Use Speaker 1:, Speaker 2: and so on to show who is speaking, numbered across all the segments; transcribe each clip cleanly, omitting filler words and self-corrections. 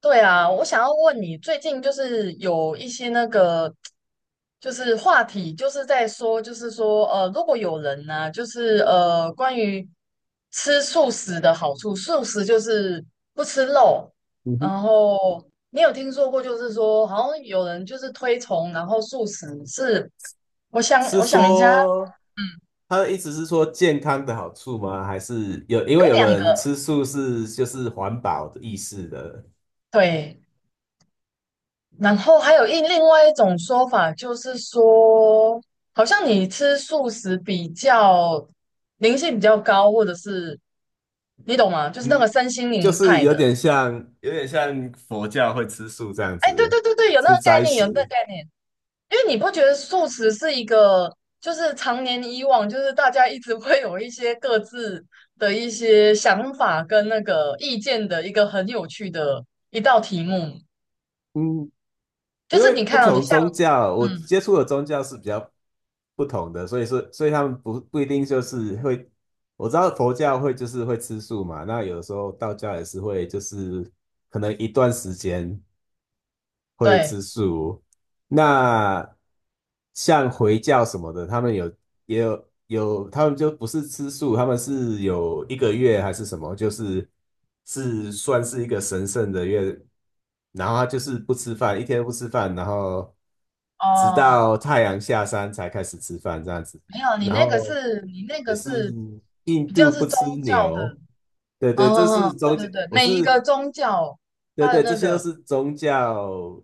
Speaker 1: 对啊，我想要问你，最近就是有一些那个，就是话题，就是在说，就是说，如果有人呢、就是关于吃素食的好处，素食就是不吃肉，
Speaker 2: 嗯哼，
Speaker 1: 然后你有听说过，就是说，好像有人就是推崇，然后素食是，我想，
Speaker 2: 是
Speaker 1: 我想一下，
Speaker 2: 说
Speaker 1: 嗯，
Speaker 2: 他的意思是说健康的好处吗？还是有因
Speaker 1: 有
Speaker 2: 为有
Speaker 1: 两
Speaker 2: 的
Speaker 1: 个，
Speaker 2: 人吃素是环保的意思的。
Speaker 1: 对。然后还有一另外一种说法，就是说，好像你吃素食比较灵性比较高，或者是你懂吗？就是那
Speaker 2: 嗯，
Speaker 1: 个身心
Speaker 2: 就
Speaker 1: 灵
Speaker 2: 是
Speaker 1: 派
Speaker 2: 有
Speaker 1: 的。
Speaker 2: 点像佛教会吃素这样
Speaker 1: 哎，对
Speaker 2: 子，
Speaker 1: 对对对，有那
Speaker 2: 吃
Speaker 1: 个概
Speaker 2: 斋
Speaker 1: 念，有那个
Speaker 2: 食。
Speaker 1: 概念。因为你不觉得素食是一个，就是常年以往，就是大家一直会有一些各自的一些想法跟那个意见的一个很有趣的一道题目。
Speaker 2: 嗯，
Speaker 1: 就
Speaker 2: 因
Speaker 1: 是
Speaker 2: 为
Speaker 1: 你
Speaker 2: 不
Speaker 1: 看到、你
Speaker 2: 同
Speaker 1: 像，
Speaker 2: 宗教，我
Speaker 1: 嗯，
Speaker 2: 接触的宗教是比较不同的，所以他们不一定就是会，我知道佛教会就是会吃素嘛，那有的时候道教也是会就是可能一段时间。会
Speaker 1: 对。
Speaker 2: 吃素。那像回教什么的，他们有也有有，他们就不是吃素，他们是有一个月还是什么，是算是一个神圣的月，然后他就是不吃饭，一天都不吃饭，然后直
Speaker 1: 哦，
Speaker 2: 到太阳下山才开始吃饭这样子。
Speaker 1: 没有，你
Speaker 2: 然
Speaker 1: 那个
Speaker 2: 后
Speaker 1: 是你那
Speaker 2: 也
Speaker 1: 个
Speaker 2: 是
Speaker 1: 是
Speaker 2: 印
Speaker 1: 比较
Speaker 2: 度
Speaker 1: 是
Speaker 2: 不
Speaker 1: 宗
Speaker 2: 吃
Speaker 1: 教的，
Speaker 2: 牛，对，
Speaker 1: 嗯
Speaker 2: 这
Speaker 1: 嗯
Speaker 2: 是
Speaker 1: 嗯，对
Speaker 2: 中间，
Speaker 1: 对对，
Speaker 2: 我
Speaker 1: 每一
Speaker 2: 是
Speaker 1: 个宗教
Speaker 2: 对
Speaker 1: 它的
Speaker 2: 对，这
Speaker 1: 那
Speaker 2: 些都
Speaker 1: 个，
Speaker 2: 是宗教，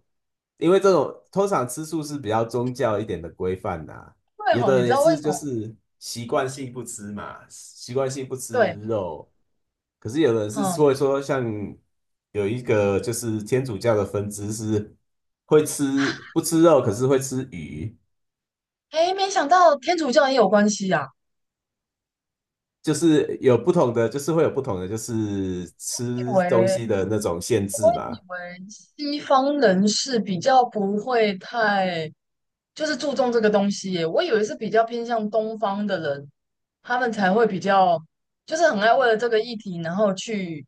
Speaker 2: 因为这种通常吃素是比较宗教一点的规范呐。
Speaker 1: 对
Speaker 2: 有
Speaker 1: 吼，
Speaker 2: 的
Speaker 1: 你知
Speaker 2: 人也
Speaker 1: 道为
Speaker 2: 是
Speaker 1: 什
Speaker 2: 就
Speaker 1: 么？
Speaker 2: 是习惯性不吃嘛，习惯性不吃
Speaker 1: 对，
Speaker 2: 肉，可是有的人是
Speaker 1: 嗯，
Speaker 2: 会说像有一个就是天主教的分支是会吃不吃肉，可是会吃鱼，
Speaker 1: 哎，没想到天主教也有关系啊，
Speaker 2: 就是有不同的，就是会有不同的
Speaker 1: 以
Speaker 2: 吃东
Speaker 1: 为
Speaker 2: 西的那种限制嘛。
Speaker 1: 以为西方人是比较不会太就是注重这个东西耶我以为是比较偏向东方的人，他们才会比较就是很爱为了这个议题，然后去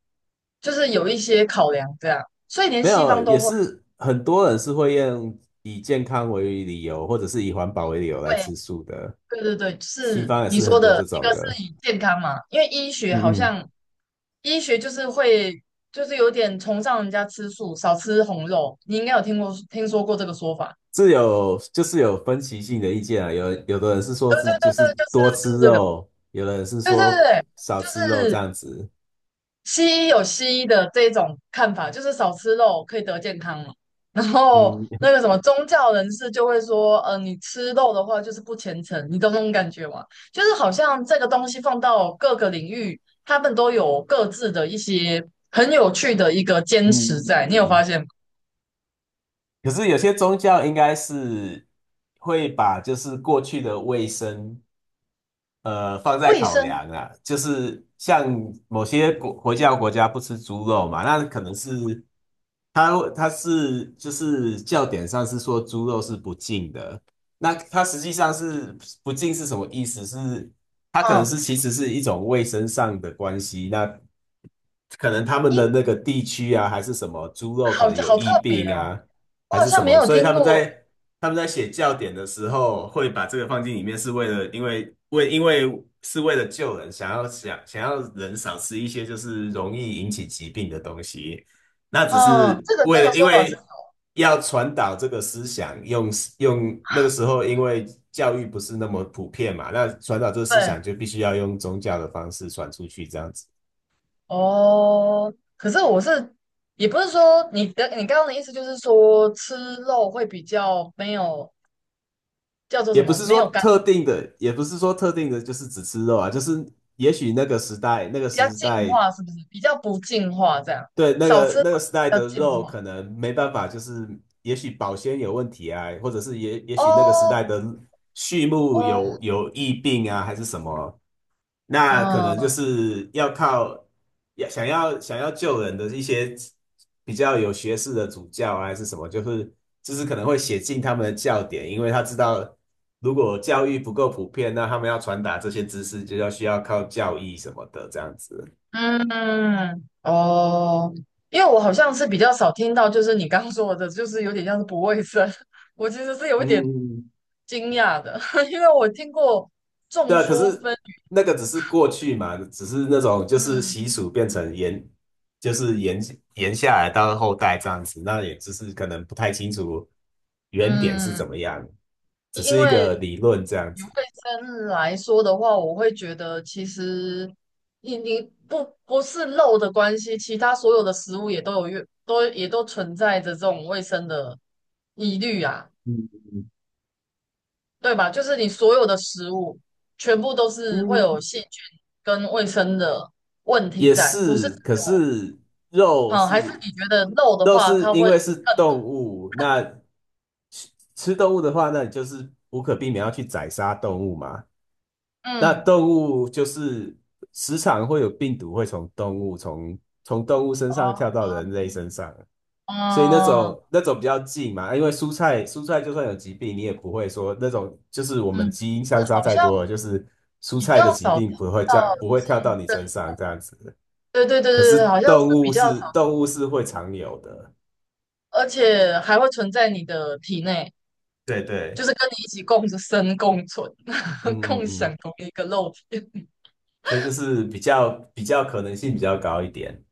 Speaker 1: 就是有一些考量这样，所以连
Speaker 2: 没
Speaker 1: 西
Speaker 2: 有，
Speaker 1: 方
Speaker 2: 也
Speaker 1: 都会。
Speaker 2: 是很多人是会用以健康为理由，或者是以环保为理由来
Speaker 1: 对
Speaker 2: 吃素的。
Speaker 1: 对对对，
Speaker 2: 西
Speaker 1: 是
Speaker 2: 方也
Speaker 1: 你
Speaker 2: 是
Speaker 1: 说
Speaker 2: 很多
Speaker 1: 的，
Speaker 2: 这
Speaker 1: 一
Speaker 2: 种
Speaker 1: 个是
Speaker 2: 的。
Speaker 1: 以健康嘛，因为医学好
Speaker 2: 嗯嗯，
Speaker 1: 像医学就是会就是有点崇尚人家吃素，少吃红肉。你应该有听说过这个说法，
Speaker 2: 是就是有分歧性的意见啊。有的人是说
Speaker 1: 对对
Speaker 2: 就
Speaker 1: 对对，
Speaker 2: 是
Speaker 1: 就
Speaker 2: 多
Speaker 1: 是就是
Speaker 2: 吃
Speaker 1: 这个，
Speaker 2: 肉，有的人是
Speaker 1: 对对
Speaker 2: 说
Speaker 1: 对，
Speaker 2: 少吃
Speaker 1: 就
Speaker 2: 肉这
Speaker 1: 是
Speaker 2: 样子。
Speaker 1: 西医有西医的这种看法，就是少吃肉可以得健康嘛。然后
Speaker 2: 嗯
Speaker 1: 那个什么宗教人士就会说，你吃肉的话就是不虔诚，你懂那种感觉吗？就是好像这个东西放到各个领域，他们都有各自的一些很有趣的一个坚
Speaker 2: 嗯
Speaker 1: 持
Speaker 2: 嗯
Speaker 1: 在。你有发
Speaker 2: 嗯。
Speaker 1: 现吗？
Speaker 2: 可是有些宗教应该是会把就是过去的卫生，放在
Speaker 1: 卫
Speaker 2: 考
Speaker 1: 生，
Speaker 2: 量啊，就是像某些国家不吃猪肉嘛，那可能是它是就是教典上是说猪肉是不净的，那它实际上是不净是什么意思？是它可能
Speaker 1: 嗯，
Speaker 2: 是其实是一种卫生上的关系，那可能他们的
Speaker 1: 应
Speaker 2: 那个地区啊，还是什么猪肉可
Speaker 1: 好
Speaker 2: 能有
Speaker 1: 好特
Speaker 2: 疫
Speaker 1: 别
Speaker 2: 病
Speaker 1: 哦，
Speaker 2: 啊，
Speaker 1: 我
Speaker 2: 还
Speaker 1: 好
Speaker 2: 是什
Speaker 1: 像没
Speaker 2: 么，
Speaker 1: 有
Speaker 2: 所以
Speaker 1: 听过，
Speaker 2: 他们在写教典的时候，会把这个放进里面，是为了因为为因为是为了救人，想要人少吃一些就是容易引起疾病的东西。那只
Speaker 1: 嗯，
Speaker 2: 是
Speaker 1: 这个这
Speaker 2: 为
Speaker 1: 个
Speaker 2: 了因
Speaker 1: 说法是
Speaker 2: 为要传导这个思想，用那个时候因为教育不是那么普遍嘛，那传导这个思
Speaker 1: 对。
Speaker 2: 想就必须要用宗教的方式传出去，这样子。
Speaker 1: 哦，可是我是，也不是说你的，你刚刚的意思就是说吃肉会比较没有叫做
Speaker 2: 也
Speaker 1: 什
Speaker 2: 不
Speaker 1: 么，
Speaker 2: 是
Speaker 1: 没
Speaker 2: 说
Speaker 1: 有干，
Speaker 2: 特定的，也不是说特定的，就是只吃肉啊，也许那个时代，那个
Speaker 1: 比较
Speaker 2: 时
Speaker 1: 净
Speaker 2: 代
Speaker 1: 化，是不是？比较不净化这样，
Speaker 2: 对，
Speaker 1: 少吃肉
Speaker 2: 那个时
Speaker 1: 比
Speaker 2: 代
Speaker 1: 较
Speaker 2: 的
Speaker 1: 净
Speaker 2: 肉
Speaker 1: 化。
Speaker 2: 可能没办法，就是也许保鲜有问题啊，或者是也许那个时代
Speaker 1: 哦
Speaker 2: 的畜牧
Speaker 1: 哦，
Speaker 2: 有疫病啊，还是什么，那可能就
Speaker 1: 嗯
Speaker 2: 是要靠要想要想要救人的一些比较有学识的主教啊，还是什么，就是可能会写进他们的教典，因为他知道如果教育不够普遍，那他们要传达这些知识需要靠教义什么的这样子。
Speaker 1: 嗯哦，因为我好像是比较少听到，就是你刚刚说的，就是有点像是不卫生，我其实是有一点
Speaker 2: 嗯，
Speaker 1: 惊讶的，因为我听过众
Speaker 2: 对啊，可
Speaker 1: 说
Speaker 2: 是
Speaker 1: 纷纭，
Speaker 2: 那个只是过去嘛，只是那种就是习
Speaker 1: 嗯
Speaker 2: 俗变成延，就是延延下来到后代这样子，那也只是可能不太清楚原点是
Speaker 1: 嗯
Speaker 2: 怎么样，只
Speaker 1: 因
Speaker 2: 是一
Speaker 1: 为
Speaker 2: 个理论这样
Speaker 1: 以卫
Speaker 2: 子。
Speaker 1: 生来说的话，我会觉得其实你不是肉的关系，其他所有的食物也都有越都也都存在着这种卫生的疑虑啊，
Speaker 2: 嗯
Speaker 1: 对吧？就是你所有的食物全部都是会有
Speaker 2: 嗯，
Speaker 1: 细菌跟卫生的问题
Speaker 2: 也
Speaker 1: 在，不是？
Speaker 2: 是，可是肉
Speaker 1: 嗯，还是
Speaker 2: 是
Speaker 1: 你觉得肉的
Speaker 2: 肉
Speaker 1: 话，
Speaker 2: 是
Speaker 1: 它
Speaker 2: 因
Speaker 1: 会
Speaker 2: 为是动物，那吃吃动物的话，那你就是无可避免要去宰杀动物嘛。那
Speaker 1: 嗯
Speaker 2: 动物就是时常会有病毒会从动物身上跳
Speaker 1: 哦
Speaker 2: 到人类身上，所以
Speaker 1: 嗯
Speaker 2: 那种比较近嘛，啊因为蔬菜就算有疾病，你也不会说那种就是我们
Speaker 1: 嗯，
Speaker 2: 基因
Speaker 1: 是
Speaker 2: 相差
Speaker 1: 好
Speaker 2: 太
Speaker 1: 像
Speaker 2: 多了，就是蔬
Speaker 1: 比较
Speaker 2: 菜的疾
Speaker 1: 少听
Speaker 2: 病
Speaker 1: 到
Speaker 2: 不会跳到
Speaker 1: 寄
Speaker 2: 你身上这样子。
Speaker 1: 对对对
Speaker 2: 可
Speaker 1: 对
Speaker 2: 是
Speaker 1: 对，好像是比较少，
Speaker 2: 动物是会常有的，
Speaker 1: 而且还会存在你的体内，
Speaker 2: 对
Speaker 1: 就
Speaker 2: 对，
Speaker 1: 是跟你一起共生共存，
Speaker 2: 嗯 嗯
Speaker 1: 共
Speaker 2: 嗯，
Speaker 1: 享同一个肉体。
Speaker 2: 所以就是比较可能性比较高一点。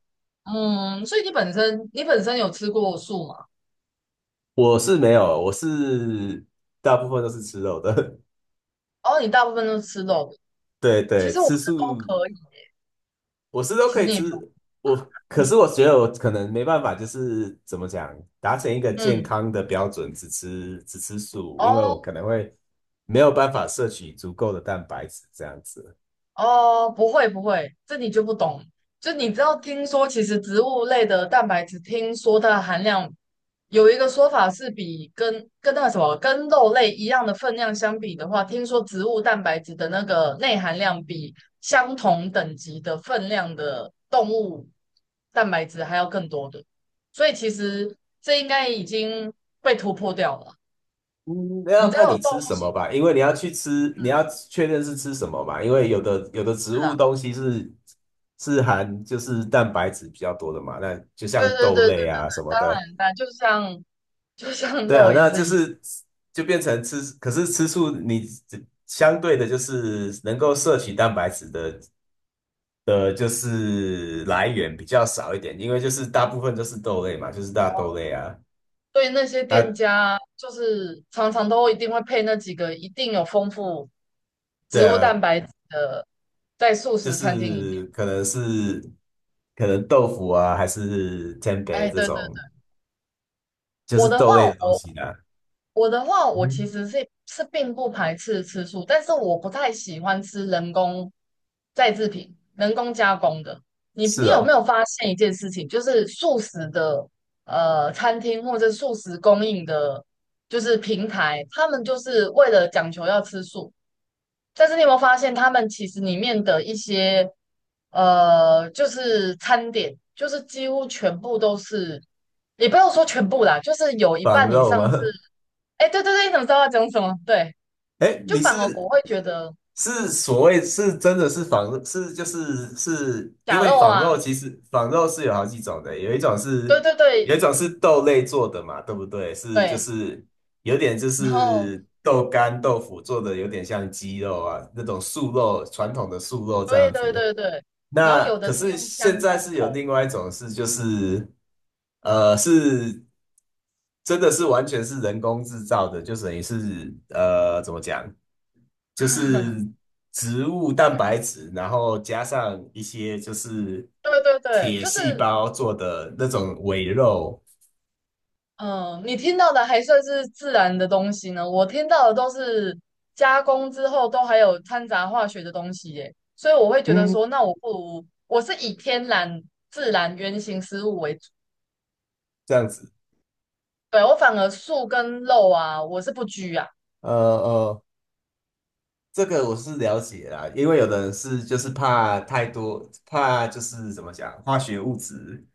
Speaker 1: 嗯，所以你本身有吃过素吗？
Speaker 2: 我是没有，我是大部分都是吃肉的。
Speaker 1: 哦，你大部分都吃肉的。
Speaker 2: 对
Speaker 1: 其
Speaker 2: 对，
Speaker 1: 实我
Speaker 2: 吃
Speaker 1: 是都
Speaker 2: 素
Speaker 1: 可以，
Speaker 2: 我是都
Speaker 1: 其
Speaker 2: 可
Speaker 1: 实
Speaker 2: 以
Speaker 1: 你也没有。
Speaker 2: 吃，可是我觉得我可能没办法，就是怎么讲，达成一个健
Speaker 1: 嗯，
Speaker 2: 康的标准，只吃素，因为我
Speaker 1: 哦，
Speaker 2: 可能会没有办法摄取足够的蛋白质这样子。
Speaker 1: 哦，不会不会，这你就不懂。就你知道，听说其实植物类的蛋白质，听说它的含量有一个说法是比跟那个什么跟肉类一样的分量相比的话，听说植物蛋白质的那个内含量比相同等级的分量的动物蛋白质还要更多的。所以其实这应该已经被突破掉了。
Speaker 2: 嗯，那
Speaker 1: 你
Speaker 2: 要
Speaker 1: 知
Speaker 2: 看
Speaker 1: 道有
Speaker 2: 你吃
Speaker 1: 动物
Speaker 2: 什
Speaker 1: 性
Speaker 2: 么吧，因为你要去吃，你要
Speaker 1: 嗯
Speaker 2: 确认是吃什么嘛，因为有的植
Speaker 1: 是
Speaker 2: 物
Speaker 1: 啊？
Speaker 2: 东西是含蛋白质比较多的嘛，那就
Speaker 1: 对
Speaker 2: 像
Speaker 1: 对
Speaker 2: 豆
Speaker 1: 对对对
Speaker 2: 类
Speaker 1: 对，
Speaker 2: 啊什么
Speaker 1: 当
Speaker 2: 的。
Speaker 1: 然，当然，就像
Speaker 2: 对啊，
Speaker 1: 肉也
Speaker 2: 那
Speaker 1: 是
Speaker 2: 就
Speaker 1: 一样，
Speaker 2: 是就变成吃，可是吃素你相对的就是能够摄取蛋白质的，就是来源比较少一点，因为就是大部分都是豆类嘛，就是大豆类啊，
Speaker 1: 对那些
Speaker 2: 啊，
Speaker 1: 店家就是常常都一定会配那几个一定有丰富
Speaker 2: 对
Speaker 1: 植物
Speaker 2: 啊，
Speaker 1: 蛋白质的，在素
Speaker 2: 就
Speaker 1: 食餐厅里
Speaker 2: 是
Speaker 1: 面。
Speaker 2: 可能豆腐啊，还是天 e
Speaker 1: 哎，
Speaker 2: 这
Speaker 1: 对对
Speaker 2: 种，
Speaker 1: 对，
Speaker 2: 就
Speaker 1: 我
Speaker 2: 是
Speaker 1: 的
Speaker 2: 豆
Speaker 1: 话，
Speaker 2: 类的东
Speaker 1: 我
Speaker 2: 西呢。
Speaker 1: 我的话，
Speaker 2: 嗯
Speaker 1: 我其
Speaker 2: 哼，
Speaker 1: 实是并不排斥吃素，但是我不太喜欢吃人工再制品、人工加工的。你
Speaker 2: 是
Speaker 1: 你有没
Speaker 2: 哦，
Speaker 1: 有发现一件事情，就是素食的餐厅或者素食供应的，就是平台，他们就是为了讲求要吃素，但是你有没有发现他们其实里面的一些就是餐点，就是几乎全部都是，也不要说全部啦，就是有一
Speaker 2: 仿
Speaker 1: 半以
Speaker 2: 肉
Speaker 1: 上是。
Speaker 2: 吗？
Speaker 1: 哎，对对对，你怎么知道要讲什么？对，
Speaker 2: 哎，
Speaker 1: 就
Speaker 2: 你
Speaker 1: 反而
Speaker 2: 是？
Speaker 1: 我会觉得
Speaker 2: 是所谓是真的是仿是就是是因
Speaker 1: 假
Speaker 2: 为
Speaker 1: 肉
Speaker 2: 仿
Speaker 1: 啊，
Speaker 2: 肉其实仿肉是有好几种的，
Speaker 1: 对对
Speaker 2: 有一
Speaker 1: 对
Speaker 2: 种是豆类做的嘛，对不对？
Speaker 1: 对，
Speaker 2: 有点
Speaker 1: 然后
Speaker 2: 豆干豆腐做的有点像鸡肉啊那种素肉传统的素肉这
Speaker 1: 对
Speaker 2: 样
Speaker 1: 对
Speaker 2: 子。
Speaker 1: 对对，然后
Speaker 2: 那
Speaker 1: 有的
Speaker 2: 可
Speaker 1: 是
Speaker 2: 是
Speaker 1: 用
Speaker 2: 现
Speaker 1: 香菇
Speaker 2: 在是有
Speaker 1: 头，
Speaker 2: 另外一种是，就是是真的是完全是人工制造的，就等于是怎么讲，就是植物蛋白质，然后加上一些就是
Speaker 1: 对对对，
Speaker 2: 铁
Speaker 1: 就
Speaker 2: 细
Speaker 1: 是
Speaker 2: 胞做的那种伪肉，
Speaker 1: 嗯、你听到的还算是自然的东西呢，我听到的都是加工之后都还有掺杂化学的东西耶，所以我会觉得
Speaker 2: 嗯，
Speaker 1: 说，那我不如我是以天然自然原型食物为主，
Speaker 2: 这样子。
Speaker 1: 对，我反而素跟肉啊，我是不拘啊，
Speaker 2: 呃呃这个我是了解啦，因为有的人是就是怕太多，怕就是怎么讲，化学物质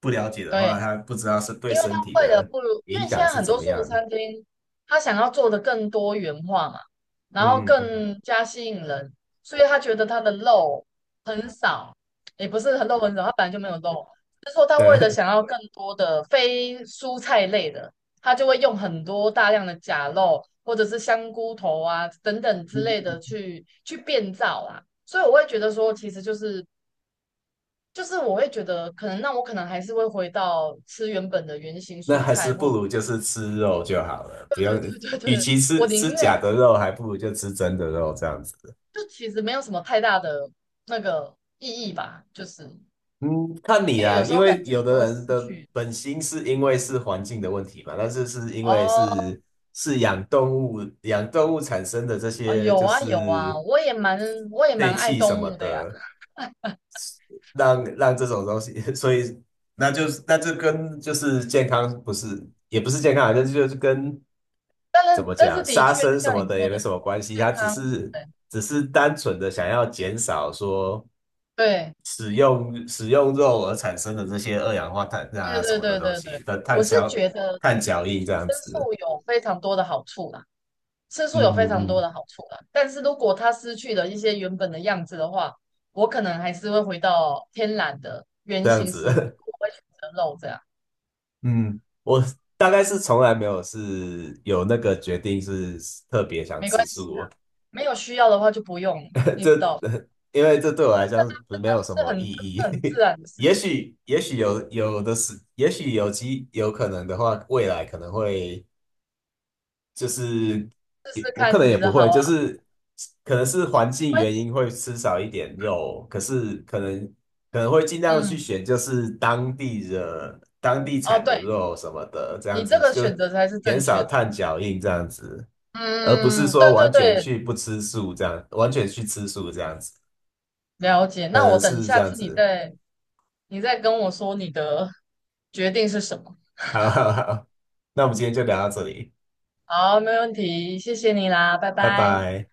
Speaker 2: 不了解的话，
Speaker 1: 对。
Speaker 2: 他不知道是对
Speaker 1: 因为他
Speaker 2: 身体
Speaker 1: 为了
Speaker 2: 的
Speaker 1: 不如，因
Speaker 2: 影
Speaker 1: 为现
Speaker 2: 响
Speaker 1: 在
Speaker 2: 是
Speaker 1: 很
Speaker 2: 怎
Speaker 1: 多
Speaker 2: 么
Speaker 1: 素食
Speaker 2: 样。
Speaker 1: 餐厅，他想要做的更多元化嘛，然后
Speaker 2: 嗯嗯嗯，
Speaker 1: 更加吸引人，所以他觉得他的肉很少，也不是很肉很少，他本来就没有肉，就是说他为了
Speaker 2: 对，
Speaker 1: 想要更多的非蔬菜类的，他就会用很多大量的假肉或者是香菇头啊等等之类 的去变造啦，所以我会觉得说，其实就是我会觉得，可能那我可能还是会回到吃原本的原型
Speaker 2: 那
Speaker 1: 蔬
Speaker 2: 还是
Speaker 1: 菜，
Speaker 2: 不
Speaker 1: 或
Speaker 2: 如就是吃肉就好了，不用，
Speaker 1: 对对对
Speaker 2: 与
Speaker 1: 对，
Speaker 2: 其
Speaker 1: 我宁
Speaker 2: 吃假
Speaker 1: 愿
Speaker 2: 的肉，还不如就吃真的肉这样子。
Speaker 1: 就其实没有什么太大的那个意义吧，就是
Speaker 2: 嗯，看你
Speaker 1: 因为
Speaker 2: 啦，
Speaker 1: 有时
Speaker 2: 因
Speaker 1: 候
Speaker 2: 为
Speaker 1: 感觉
Speaker 2: 有
Speaker 1: 都会
Speaker 2: 的人
Speaker 1: 失
Speaker 2: 的
Speaker 1: 去
Speaker 2: 本心是因为是环境的问题嘛，但是是因为
Speaker 1: 哦
Speaker 2: 是是养动物，养动物产生的这
Speaker 1: 哦，
Speaker 2: 些
Speaker 1: 有
Speaker 2: 就
Speaker 1: 啊有啊，
Speaker 2: 是
Speaker 1: 我也蛮我也
Speaker 2: 废
Speaker 1: 蛮爱
Speaker 2: 气什
Speaker 1: 动
Speaker 2: 么
Speaker 1: 物的呀，
Speaker 2: 的，让这种东西，所以那就跟就是健康不是也不是健康啊，就是跟
Speaker 1: 但
Speaker 2: 怎
Speaker 1: 是
Speaker 2: 么
Speaker 1: 但
Speaker 2: 讲
Speaker 1: 是的
Speaker 2: 杀
Speaker 1: 确就
Speaker 2: 生什
Speaker 1: 像
Speaker 2: 么
Speaker 1: 你
Speaker 2: 的
Speaker 1: 说
Speaker 2: 也没
Speaker 1: 的，
Speaker 2: 什么关系，
Speaker 1: 健
Speaker 2: 他只
Speaker 1: 康
Speaker 2: 是只是单纯的想要减少说。
Speaker 1: 对
Speaker 2: 使用肉而产生的这些二氧化碳
Speaker 1: 对
Speaker 2: 啊什
Speaker 1: 对
Speaker 2: 么的
Speaker 1: 对对
Speaker 2: 东
Speaker 1: 对
Speaker 2: 西
Speaker 1: 对，
Speaker 2: 的
Speaker 1: 我是觉得
Speaker 2: 碳脚印这
Speaker 1: 吃
Speaker 2: 样子，
Speaker 1: 素有非常多的好处啦。吃素
Speaker 2: 嗯
Speaker 1: 有非常
Speaker 2: 嗯
Speaker 1: 多
Speaker 2: 嗯，
Speaker 1: 的好处啦，但是如果它失去了一些原本的样子的话，我可能还是会回到天然的
Speaker 2: 这
Speaker 1: 原
Speaker 2: 样
Speaker 1: 型食物，
Speaker 2: 子，
Speaker 1: 我会选择肉这样，
Speaker 2: 嗯，我大概是从来没有是有那个决定是特别想
Speaker 1: 没
Speaker 2: 吃
Speaker 1: 关系
Speaker 2: 素哦，
Speaker 1: 啦，没有需要的话就不用，你知
Speaker 2: 这
Speaker 1: 道，
Speaker 2: 因为这对我来讲没有什
Speaker 1: 这是
Speaker 2: 么意
Speaker 1: 很这是很自
Speaker 2: 义。
Speaker 1: 然的事情，
Speaker 2: 也许有的是，也许有可能的话，未来可能会。就是
Speaker 1: 试
Speaker 2: 也
Speaker 1: 试
Speaker 2: 我
Speaker 1: 看
Speaker 2: 可
Speaker 1: 是
Speaker 2: 能
Speaker 1: 不
Speaker 2: 也
Speaker 1: 是
Speaker 2: 不
Speaker 1: 好
Speaker 2: 会，
Speaker 1: 啊？
Speaker 2: 就是可能是环
Speaker 1: 没
Speaker 2: 境
Speaker 1: 关
Speaker 2: 原
Speaker 1: 系，
Speaker 2: 因会吃少一点肉，可是可能会尽量去
Speaker 1: 嗯，
Speaker 2: 选就是当地
Speaker 1: 哦，
Speaker 2: 产的
Speaker 1: 对，
Speaker 2: 肉什么的，这样
Speaker 1: 你这
Speaker 2: 子
Speaker 1: 个
Speaker 2: 就
Speaker 1: 选择才是
Speaker 2: 减
Speaker 1: 正确
Speaker 2: 少
Speaker 1: 的，
Speaker 2: 碳脚印这样子，而不是
Speaker 1: 嗯，对
Speaker 2: 说
Speaker 1: 对
Speaker 2: 完全
Speaker 1: 对，
Speaker 2: 去不吃素这样，完全去吃素这样子，
Speaker 1: 了解。
Speaker 2: 可
Speaker 1: 那
Speaker 2: 能
Speaker 1: 我等
Speaker 2: 是这
Speaker 1: 下
Speaker 2: 样
Speaker 1: 次你
Speaker 2: 子。
Speaker 1: 再你再跟我说你的决定是什么。
Speaker 2: 好好好，那我们今天就聊到这里，
Speaker 1: 好，没问题，谢谢你啦，拜
Speaker 2: 拜
Speaker 1: 拜。
Speaker 2: 拜。